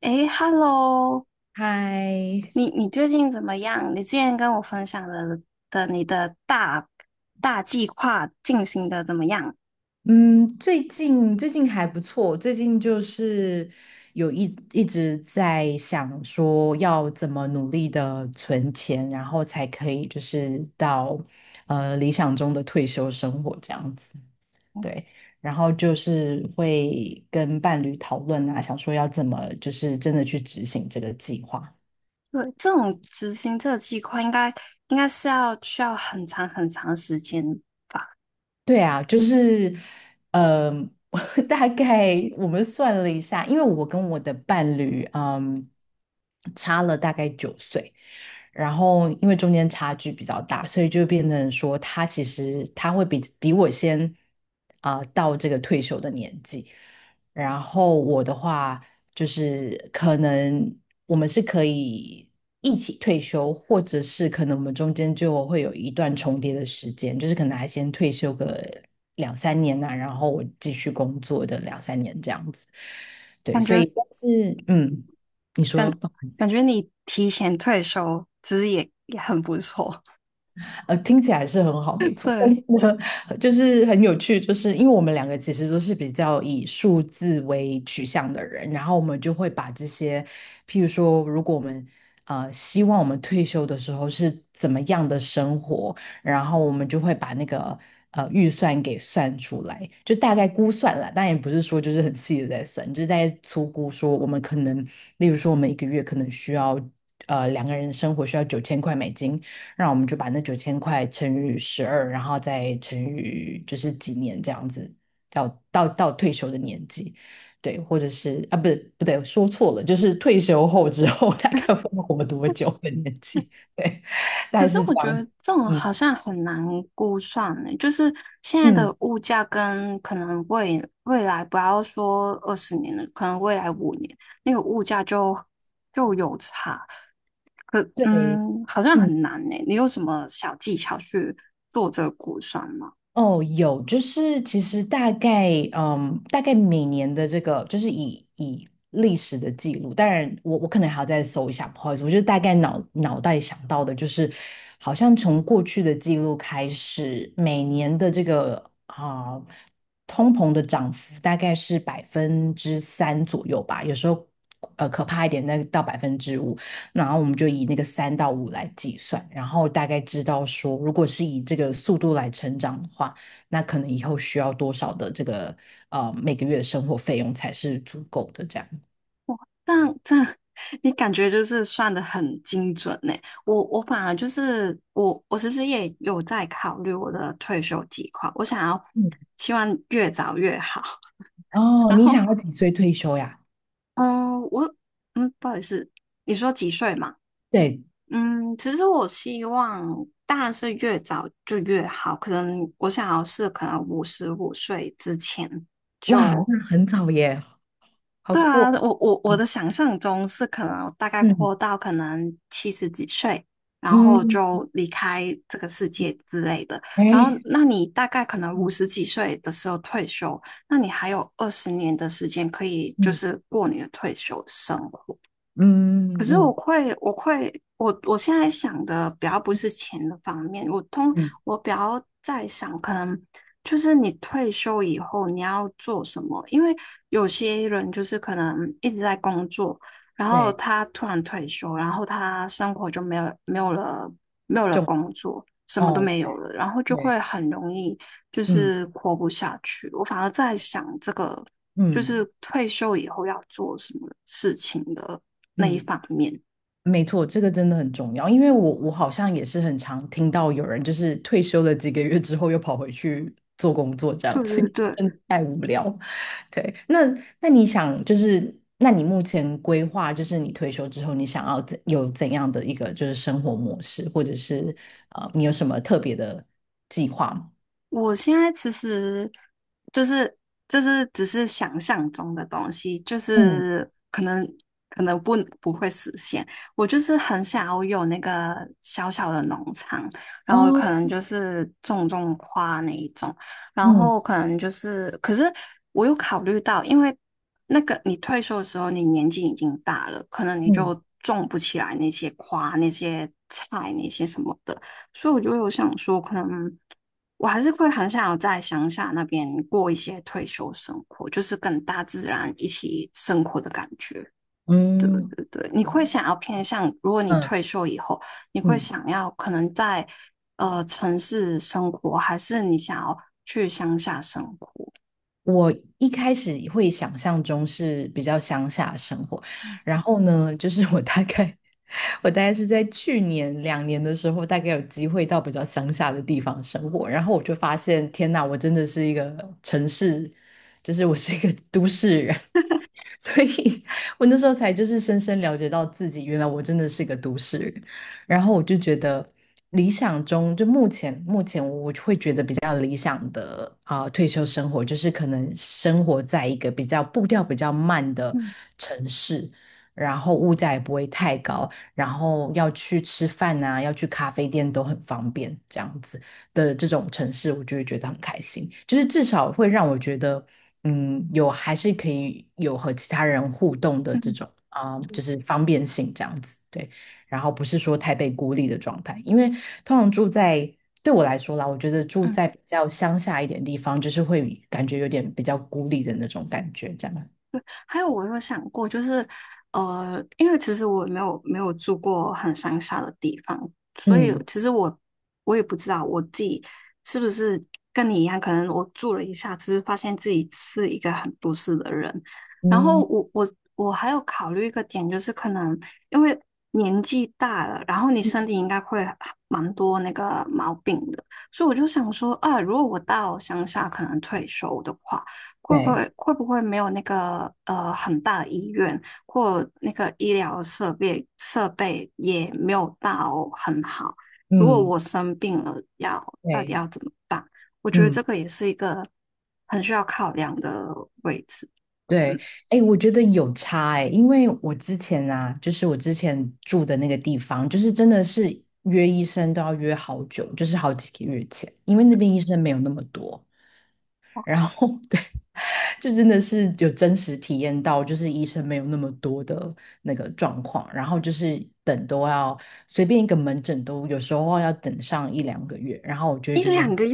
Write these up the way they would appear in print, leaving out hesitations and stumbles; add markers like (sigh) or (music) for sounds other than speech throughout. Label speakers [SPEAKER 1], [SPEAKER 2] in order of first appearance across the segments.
[SPEAKER 1] 诶 h e l l o
[SPEAKER 2] 嗨，
[SPEAKER 1] 你最近怎么样？你之前跟我分享的你的大计划进行的怎么样？
[SPEAKER 2] 嗯，最近还不错。最近就是有一一直在想说要怎么努力的存钱，然后才可以就是到理想中的退休生活这样子，对。然后就是会跟伴侣讨论啊，想说要怎么就是真的去执行这个计划。
[SPEAKER 1] 对，这种执行这个计划应该是要需要很长时间，
[SPEAKER 2] 对啊，就是，嗯、(laughs) 大概我们算了一下，因为我跟我的伴侣，差了大概9岁。然后因为中间差距比较大，所以就变成说他其实会比我先到这个退休的年纪，然后我的话就是可能我们是可以一起退休，或者是可能我们中间就会有一段重叠的时间，就是可能还先退休个两三年然后我继续工作的两三年这样子。对，
[SPEAKER 1] 感
[SPEAKER 2] 所以
[SPEAKER 1] 觉
[SPEAKER 2] 但是你说。
[SPEAKER 1] 感感觉你提前退休其实也很不错。
[SPEAKER 2] 听起来是很好，没
[SPEAKER 1] (laughs)
[SPEAKER 2] 错。(laughs) 但是
[SPEAKER 1] 对，
[SPEAKER 2] 呢，就是很有趣，就是因为我们两个其实都是比较以数字为取向的人，然后我们就会把这些，譬如说，如果我们希望我们退休的时候是怎么样的生活，然后我们就会把那个预算给算出来，就大概估算了，但也不是说就是很细的在算，就是在粗估说我们可能，例如说我们一个月可能需要两个人生活需要9000块美金，让我们就把那九千块乘以12，然后再乘以就是几年这样子，到退休的年纪，对，或者是啊，不对，说错了，就是退休后之后 (laughs) 大概会活多久的年纪，(laughs) 对，大
[SPEAKER 1] 可
[SPEAKER 2] 概
[SPEAKER 1] 是
[SPEAKER 2] 是这
[SPEAKER 1] 我觉得
[SPEAKER 2] 样，
[SPEAKER 1] 这种好
[SPEAKER 2] 嗯
[SPEAKER 1] 像很难估算呢，就是现在的
[SPEAKER 2] 嗯，
[SPEAKER 1] 物价跟可能未来不要说二十年了，可能未来五年那个物价就有差，
[SPEAKER 2] 对，
[SPEAKER 1] 嗯，好像
[SPEAKER 2] 嗯。
[SPEAKER 1] 很难呢。你有什么小技巧去做这个估算吗？
[SPEAKER 2] 哦，有，就是其实大概，大概每年的这个，就是以历史的记录，当然我可能还要再搜一下，不好意思，我就大概脑袋想到的，就是好像从过去的记录开始，每年的这个啊、通膨的涨幅大概是3%左右吧，有时候可怕一点，那到5%。然后我们就以那个3到5来计算，然后大概知道说，如果是以这个速度来成长的话，那可能以后需要多少的这个每个月的生活费用才是足够的这样。
[SPEAKER 1] 但但 (laughs) 你感觉就是算的很精准呢。我反而就是我其实也有在考虑我的退休计划，我想要
[SPEAKER 2] 嗯，
[SPEAKER 1] 希望越早越好。(laughs)
[SPEAKER 2] 哦，
[SPEAKER 1] 然
[SPEAKER 2] 你
[SPEAKER 1] 后
[SPEAKER 2] 想要几岁退休呀？
[SPEAKER 1] 嗯，我嗯，不好意思，你说几岁嘛？
[SPEAKER 2] 对，
[SPEAKER 1] 嗯，其实我希望当然是越早就越好，可能我想要是可能五十五岁之前
[SPEAKER 2] 哇，
[SPEAKER 1] 就。
[SPEAKER 2] 那很早耶，好
[SPEAKER 1] 对
[SPEAKER 2] 酷
[SPEAKER 1] 啊，
[SPEAKER 2] 哦。
[SPEAKER 1] 我的想象中是可能大概
[SPEAKER 2] 嗯
[SPEAKER 1] 活到可能七十几岁，然
[SPEAKER 2] 嗯
[SPEAKER 1] 后
[SPEAKER 2] 嗯，
[SPEAKER 1] 就离开这个世界之类的。然后，
[SPEAKER 2] 哎，
[SPEAKER 1] 那你大概可能五
[SPEAKER 2] 嗯
[SPEAKER 1] 十几岁的时候退休，那你还有二十年的时间可以就
[SPEAKER 2] 嗯
[SPEAKER 1] 是过你的退休生活。可
[SPEAKER 2] 嗯
[SPEAKER 1] 是我
[SPEAKER 2] 嗯
[SPEAKER 1] 会，我会，我现在想的比较不是钱的方面，
[SPEAKER 2] 嗯，
[SPEAKER 1] 我比较在想，可能就是你退休以后你要做什么，因为有些人就是可能一直在工作，然后
[SPEAKER 2] 对，
[SPEAKER 1] 他突然退休，然后他生活就没有了没有了
[SPEAKER 2] 重
[SPEAKER 1] 工作，什么都
[SPEAKER 2] 哦，
[SPEAKER 1] 没有
[SPEAKER 2] 对
[SPEAKER 1] 了，然后就会
[SPEAKER 2] 对，
[SPEAKER 1] 很容易就
[SPEAKER 2] 嗯
[SPEAKER 1] 是活不下去。我反而在想这个。就是
[SPEAKER 2] 嗯
[SPEAKER 1] 退休以后要做什么事情的那一
[SPEAKER 2] 嗯。
[SPEAKER 1] 方面。
[SPEAKER 2] 没错，这个真的很重要，因为我好像也是很常听到有人就是退休了几个月之后又跑回去做工作这样
[SPEAKER 1] 对
[SPEAKER 2] 子，
[SPEAKER 1] 对
[SPEAKER 2] (laughs)
[SPEAKER 1] 对，
[SPEAKER 2] 真的太无聊。对，那你想就是，那你目前规划就是你退休之后你想要怎样的一个就是生活模式，或者是你有什么特别的计划吗？
[SPEAKER 1] 我现在其实就是就是只是想象中的东西，就
[SPEAKER 2] 嗯，
[SPEAKER 1] 是可能可能不会实现。我就是很想要有那个小小的农场，然后
[SPEAKER 2] 哦，
[SPEAKER 1] 可能就是种种花那一种，然
[SPEAKER 2] 嗯
[SPEAKER 1] 后可能就是可是我有考虑到，因为那个你退休的时候，你年纪已经大了，可能你
[SPEAKER 2] 嗯
[SPEAKER 1] 就种不起来那些花、那些菜、那些什么的。所以我就有想说，可能我还是会很想要在乡下那边过一些退休生活，就是跟大自然一起生活的感觉。对
[SPEAKER 2] 嗯，
[SPEAKER 1] 对对，你
[SPEAKER 2] 哦，
[SPEAKER 1] 会想要偏向，如果你
[SPEAKER 2] 嗯
[SPEAKER 1] 退休以后，你会
[SPEAKER 2] 嗯。
[SPEAKER 1] 想要可能在城市生活，还是你想要去乡下生活？
[SPEAKER 2] 我一开始会想象中是比较乡下的生活，然后呢，就是我大概 (laughs) 我大概是在去年两年的时候，大概有机会到比较乡下的地方生活，然后我就发现，天呐，我真的是一个城市，就是我是一个都市人。(laughs) 所以我那时候才就是深深了解到自己，原来我真的是个都市人。然后我就觉得，理想中就目前我会觉得比较理想的退休生活，就是可能生活在一个比较步调比较慢的
[SPEAKER 1] 嗯
[SPEAKER 2] 城市，然后物价也不会太高，然后要去吃饭啊，要去咖啡店都很方便，这样子的这种城市，我就会觉得很开心，就是至少会让我觉得。嗯，有还是可以有和其他人互动的
[SPEAKER 1] 嗯
[SPEAKER 2] 这
[SPEAKER 1] 嗯。
[SPEAKER 2] 种就是方便性这样子，对。然后不是说太被孤立的状态，因为通常住在对我来说啦，我觉得住在比较乡下一点地方，就是会感觉有点比较孤立的那种感觉，这样。
[SPEAKER 1] 还有我有想过，就是因为其实我没有住过很乡下的地方，所以
[SPEAKER 2] 嗯
[SPEAKER 1] 其实我也不知道我自己是不是跟你一样，可能我住了一下，只是发现自己是一个很都市的人。然后
[SPEAKER 2] 嗯，
[SPEAKER 1] 我还有考虑一个点，就是可能因为年纪大了，然后你身体应该会蛮多那个毛病的，所以我就想说，啊，如果我到乡下可能退休的话。会不
[SPEAKER 2] 对，
[SPEAKER 1] 会会不会没有那个很大的医院或那个医疗设备也没有到很好？如果
[SPEAKER 2] 嗯
[SPEAKER 1] 我生病了，要到底
[SPEAKER 2] 对，
[SPEAKER 1] 要怎么办？我觉得这
[SPEAKER 2] 嗯。
[SPEAKER 1] 个也是一个很需要考量的位置。
[SPEAKER 2] 对，哎，我觉得有差哎，因为我之前啊，就是我之前住的那个地方，就是真的是约医生都要约好久，就是好几个月前，因为那边医生没有那么多，然后 (laughs) 对，就真的是有真实体验到，就是医生没有那么多的那个状况，然后就是等都要随便一个门诊都有时候要等上一两个月，然后我就会
[SPEAKER 1] 一
[SPEAKER 2] 觉得，
[SPEAKER 1] 两个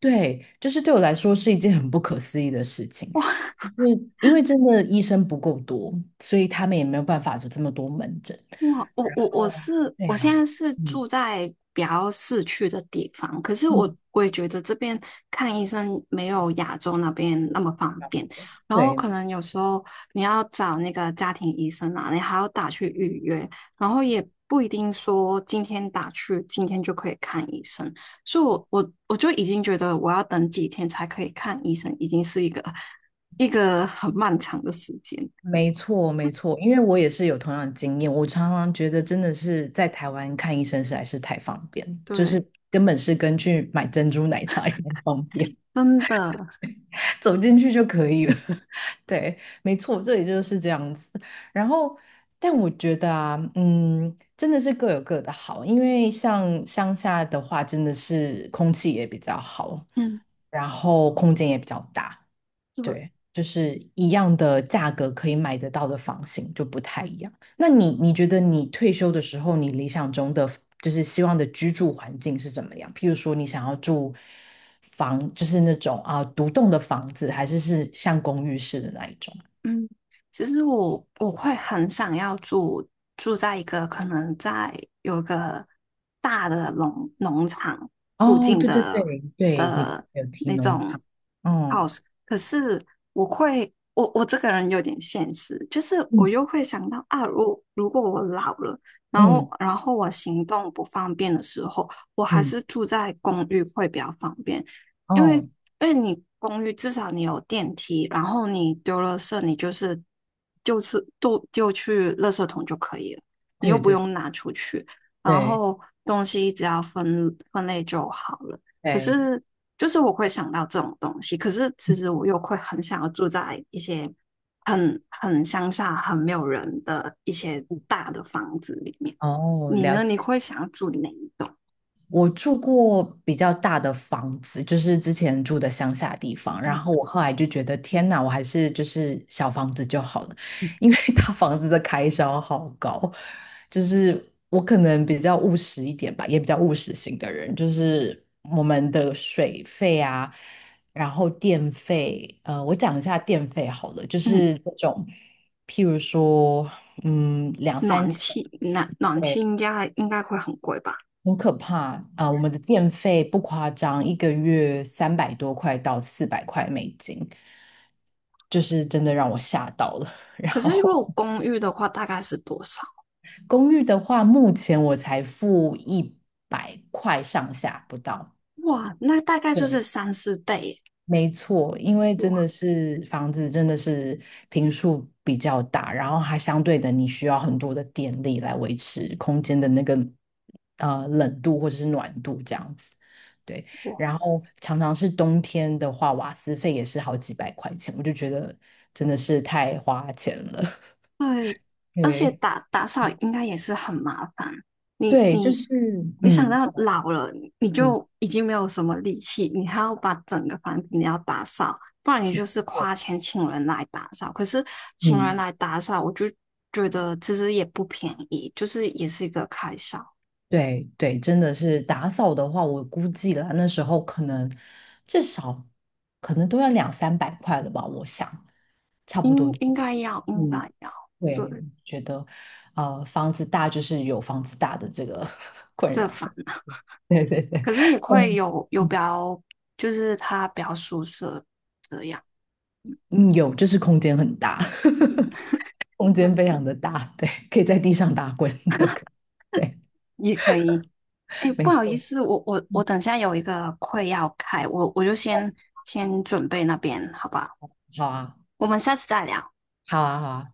[SPEAKER 2] 对，就是对我来说是一件很不可思议的事情。
[SPEAKER 1] 哇，
[SPEAKER 2] 是因为真的医生不够多，所以他们也没有办法有这么多门诊。
[SPEAKER 1] 哇，我我我
[SPEAKER 2] 哦，
[SPEAKER 1] 是
[SPEAKER 2] 对
[SPEAKER 1] 我
[SPEAKER 2] 呀，
[SPEAKER 1] 现在是
[SPEAKER 2] 嗯，
[SPEAKER 1] 住在比较市区的地方，可是我
[SPEAKER 2] 嗯，
[SPEAKER 1] 我也觉得这边看医生没有亚洲那边那么方便，然后
[SPEAKER 2] 对，
[SPEAKER 1] 可能有时候你要找那个家庭医生啊，你还要打去预约，然后也不一定说今天打去今天就可以看医生，所以我就已经觉得我要等几天才可以看医生，已经是一个很漫长的时间，
[SPEAKER 2] 没错，没错，因为我也是有同样的经验，我常常觉得真的是在台湾看医生实在是太方便，就
[SPEAKER 1] 对，
[SPEAKER 2] 是根本是跟去买珍珠奶茶一样方便。
[SPEAKER 1] 真的，
[SPEAKER 2] (laughs) 走进去就可以了。(laughs) 对，没错，这里就是这样子。然后，但我觉得啊，真的是各有各的好，因为像乡下的话，真的是空气也比较好，
[SPEAKER 1] 嗯。
[SPEAKER 2] 然后空间也比较大。
[SPEAKER 1] 对。
[SPEAKER 2] 对，就是一样的价格可以买得到的房型就不太一样。那你觉得你退休的时候，你理想中的就是希望的居住环境是怎么样？譬如说，你想要住房，就是那种独栋的房子，还是像公寓式的那一种？
[SPEAKER 1] 嗯，其实我会很想要住在一个可能在有个大的农场附
[SPEAKER 2] 哦，
[SPEAKER 1] 近
[SPEAKER 2] 对对
[SPEAKER 1] 的
[SPEAKER 2] 对对，你
[SPEAKER 1] 的
[SPEAKER 2] 有提
[SPEAKER 1] 那
[SPEAKER 2] 农
[SPEAKER 1] 种
[SPEAKER 2] 场，哦，
[SPEAKER 1] house,可是我会我我这个人有点现实，就是我
[SPEAKER 2] 嗯
[SPEAKER 1] 又会想到啊，如果我老了，然后
[SPEAKER 2] 嗯
[SPEAKER 1] 然后我行动不方便的时候，我还
[SPEAKER 2] 嗯，
[SPEAKER 1] 是住在公寓会比较方便，因为因
[SPEAKER 2] 哦，
[SPEAKER 1] 为你公寓至少你有电梯，然后你丢了色，你就是就是丢去垃圾桶就可以了，你又
[SPEAKER 2] 对
[SPEAKER 1] 不
[SPEAKER 2] 对
[SPEAKER 1] 用拿出去，然
[SPEAKER 2] 对
[SPEAKER 1] 后东西只要分类就好了。可
[SPEAKER 2] 对，
[SPEAKER 1] 是就是我会想到这种东西，可是其
[SPEAKER 2] 嗯
[SPEAKER 1] 实我又会很想要住在一些很乡下、很没有人的一些
[SPEAKER 2] 嗯
[SPEAKER 1] 大的房子里面。
[SPEAKER 2] 哦，
[SPEAKER 1] 你呢？你会想要住哪一栋？
[SPEAKER 2] 我住过比较大的房子，就是之前住的乡下地方，然
[SPEAKER 1] 嗯
[SPEAKER 2] 后我后来就觉得天哪，我还是就是小房子就好了，
[SPEAKER 1] 嗯。
[SPEAKER 2] 因为 (laughs) 大房子的开销好高，就是我可能比较务实一点吧，也比较务实型的人，就是我们的水费啊，然后电费，我讲一下电费好了，就
[SPEAKER 1] 嗯
[SPEAKER 2] 是那种譬如说，两三
[SPEAKER 1] 暖
[SPEAKER 2] 千。
[SPEAKER 1] 气暖气
[SPEAKER 2] 对。
[SPEAKER 1] 应该会很贵吧？
[SPEAKER 2] 很可怕啊，我们的电费不夸张，一个月300多块到400块美金，就是真的让我吓到了。(laughs) 然
[SPEAKER 1] 可是如
[SPEAKER 2] 后
[SPEAKER 1] 果公寓的话，大概是多少？
[SPEAKER 2] 公寓的话，目前我才付100块上下不到。
[SPEAKER 1] 哇，那大概就是
[SPEAKER 2] 对，
[SPEAKER 1] 三四倍耶
[SPEAKER 2] 没错，因为真
[SPEAKER 1] 哇
[SPEAKER 2] 的是房子真的是坪数比较大，然后它相对的你需要很多的电力来维持空间的那个冷度或者是暖度这样子。对，
[SPEAKER 1] 哇，
[SPEAKER 2] 然后常常是冬天的话，瓦斯费也是好几百块钱，我就觉得真的是太花钱了。
[SPEAKER 1] 对，
[SPEAKER 2] (laughs)
[SPEAKER 1] 而且
[SPEAKER 2] 对，
[SPEAKER 1] 打扫应该也是很麻烦。你
[SPEAKER 2] 对，就
[SPEAKER 1] 你
[SPEAKER 2] 是
[SPEAKER 1] 你想
[SPEAKER 2] 嗯
[SPEAKER 1] 到老了，你
[SPEAKER 2] 嗯。
[SPEAKER 1] 就已经没有什么力气，你还要把整个房子你要打扫，不然你就是
[SPEAKER 2] 我
[SPEAKER 1] 花钱请人来打扫。可是请人
[SPEAKER 2] 嗯
[SPEAKER 1] 来打扫，我就觉得其实也不便宜，就是也是一个开销。
[SPEAKER 2] 对对，真的是打扫的话，我估计了那时候可能至少可能都要两三百块了吧，我想差不多
[SPEAKER 1] 应
[SPEAKER 2] 对不
[SPEAKER 1] 应
[SPEAKER 2] 对。
[SPEAKER 1] 该要，应
[SPEAKER 2] 嗯，
[SPEAKER 1] 该要，
[SPEAKER 2] 对，
[SPEAKER 1] 对，
[SPEAKER 2] 觉得房子大就是有房子大的这个 (laughs) 困
[SPEAKER 1] 这
[SPEAKER 2] 扰，
[SPEAKER 1] 烦恼，
[SPEAKER 2] (laughs) 对对对，
[SPEAKER 1] 可是也会
[SPEAKER 2] 嗯
[SPEAKER 1] 有比
[SPEAKER 2] 嗯
[SPEAKER 1] 较，就是他比较舒适这样，
[SPEAKER 2] 嗯，有就是空间很大，(laughs) 空
[SPEAKER 1] 对，
[SPEAKER 2] 间非常的大，对，可以在地上打滚 (laughs) 都可以，对，
[SPEAKER 1] 也可以。哎，不
[SPEAKER 2] 没
[SPEAKER 1] 好意
[SPEAKER 2] 错，
[SPEAKER 1] 思，我
[SPEAKER 2] 嗯，
[SPEAKER 1] 等下有一个会要开，我就先先准备那边，好不好？
[SPEAKER 2] 好啊，
[SPEAKER 1] 我们下次再聊。
[SPEAKER 2] 好啊，好啊。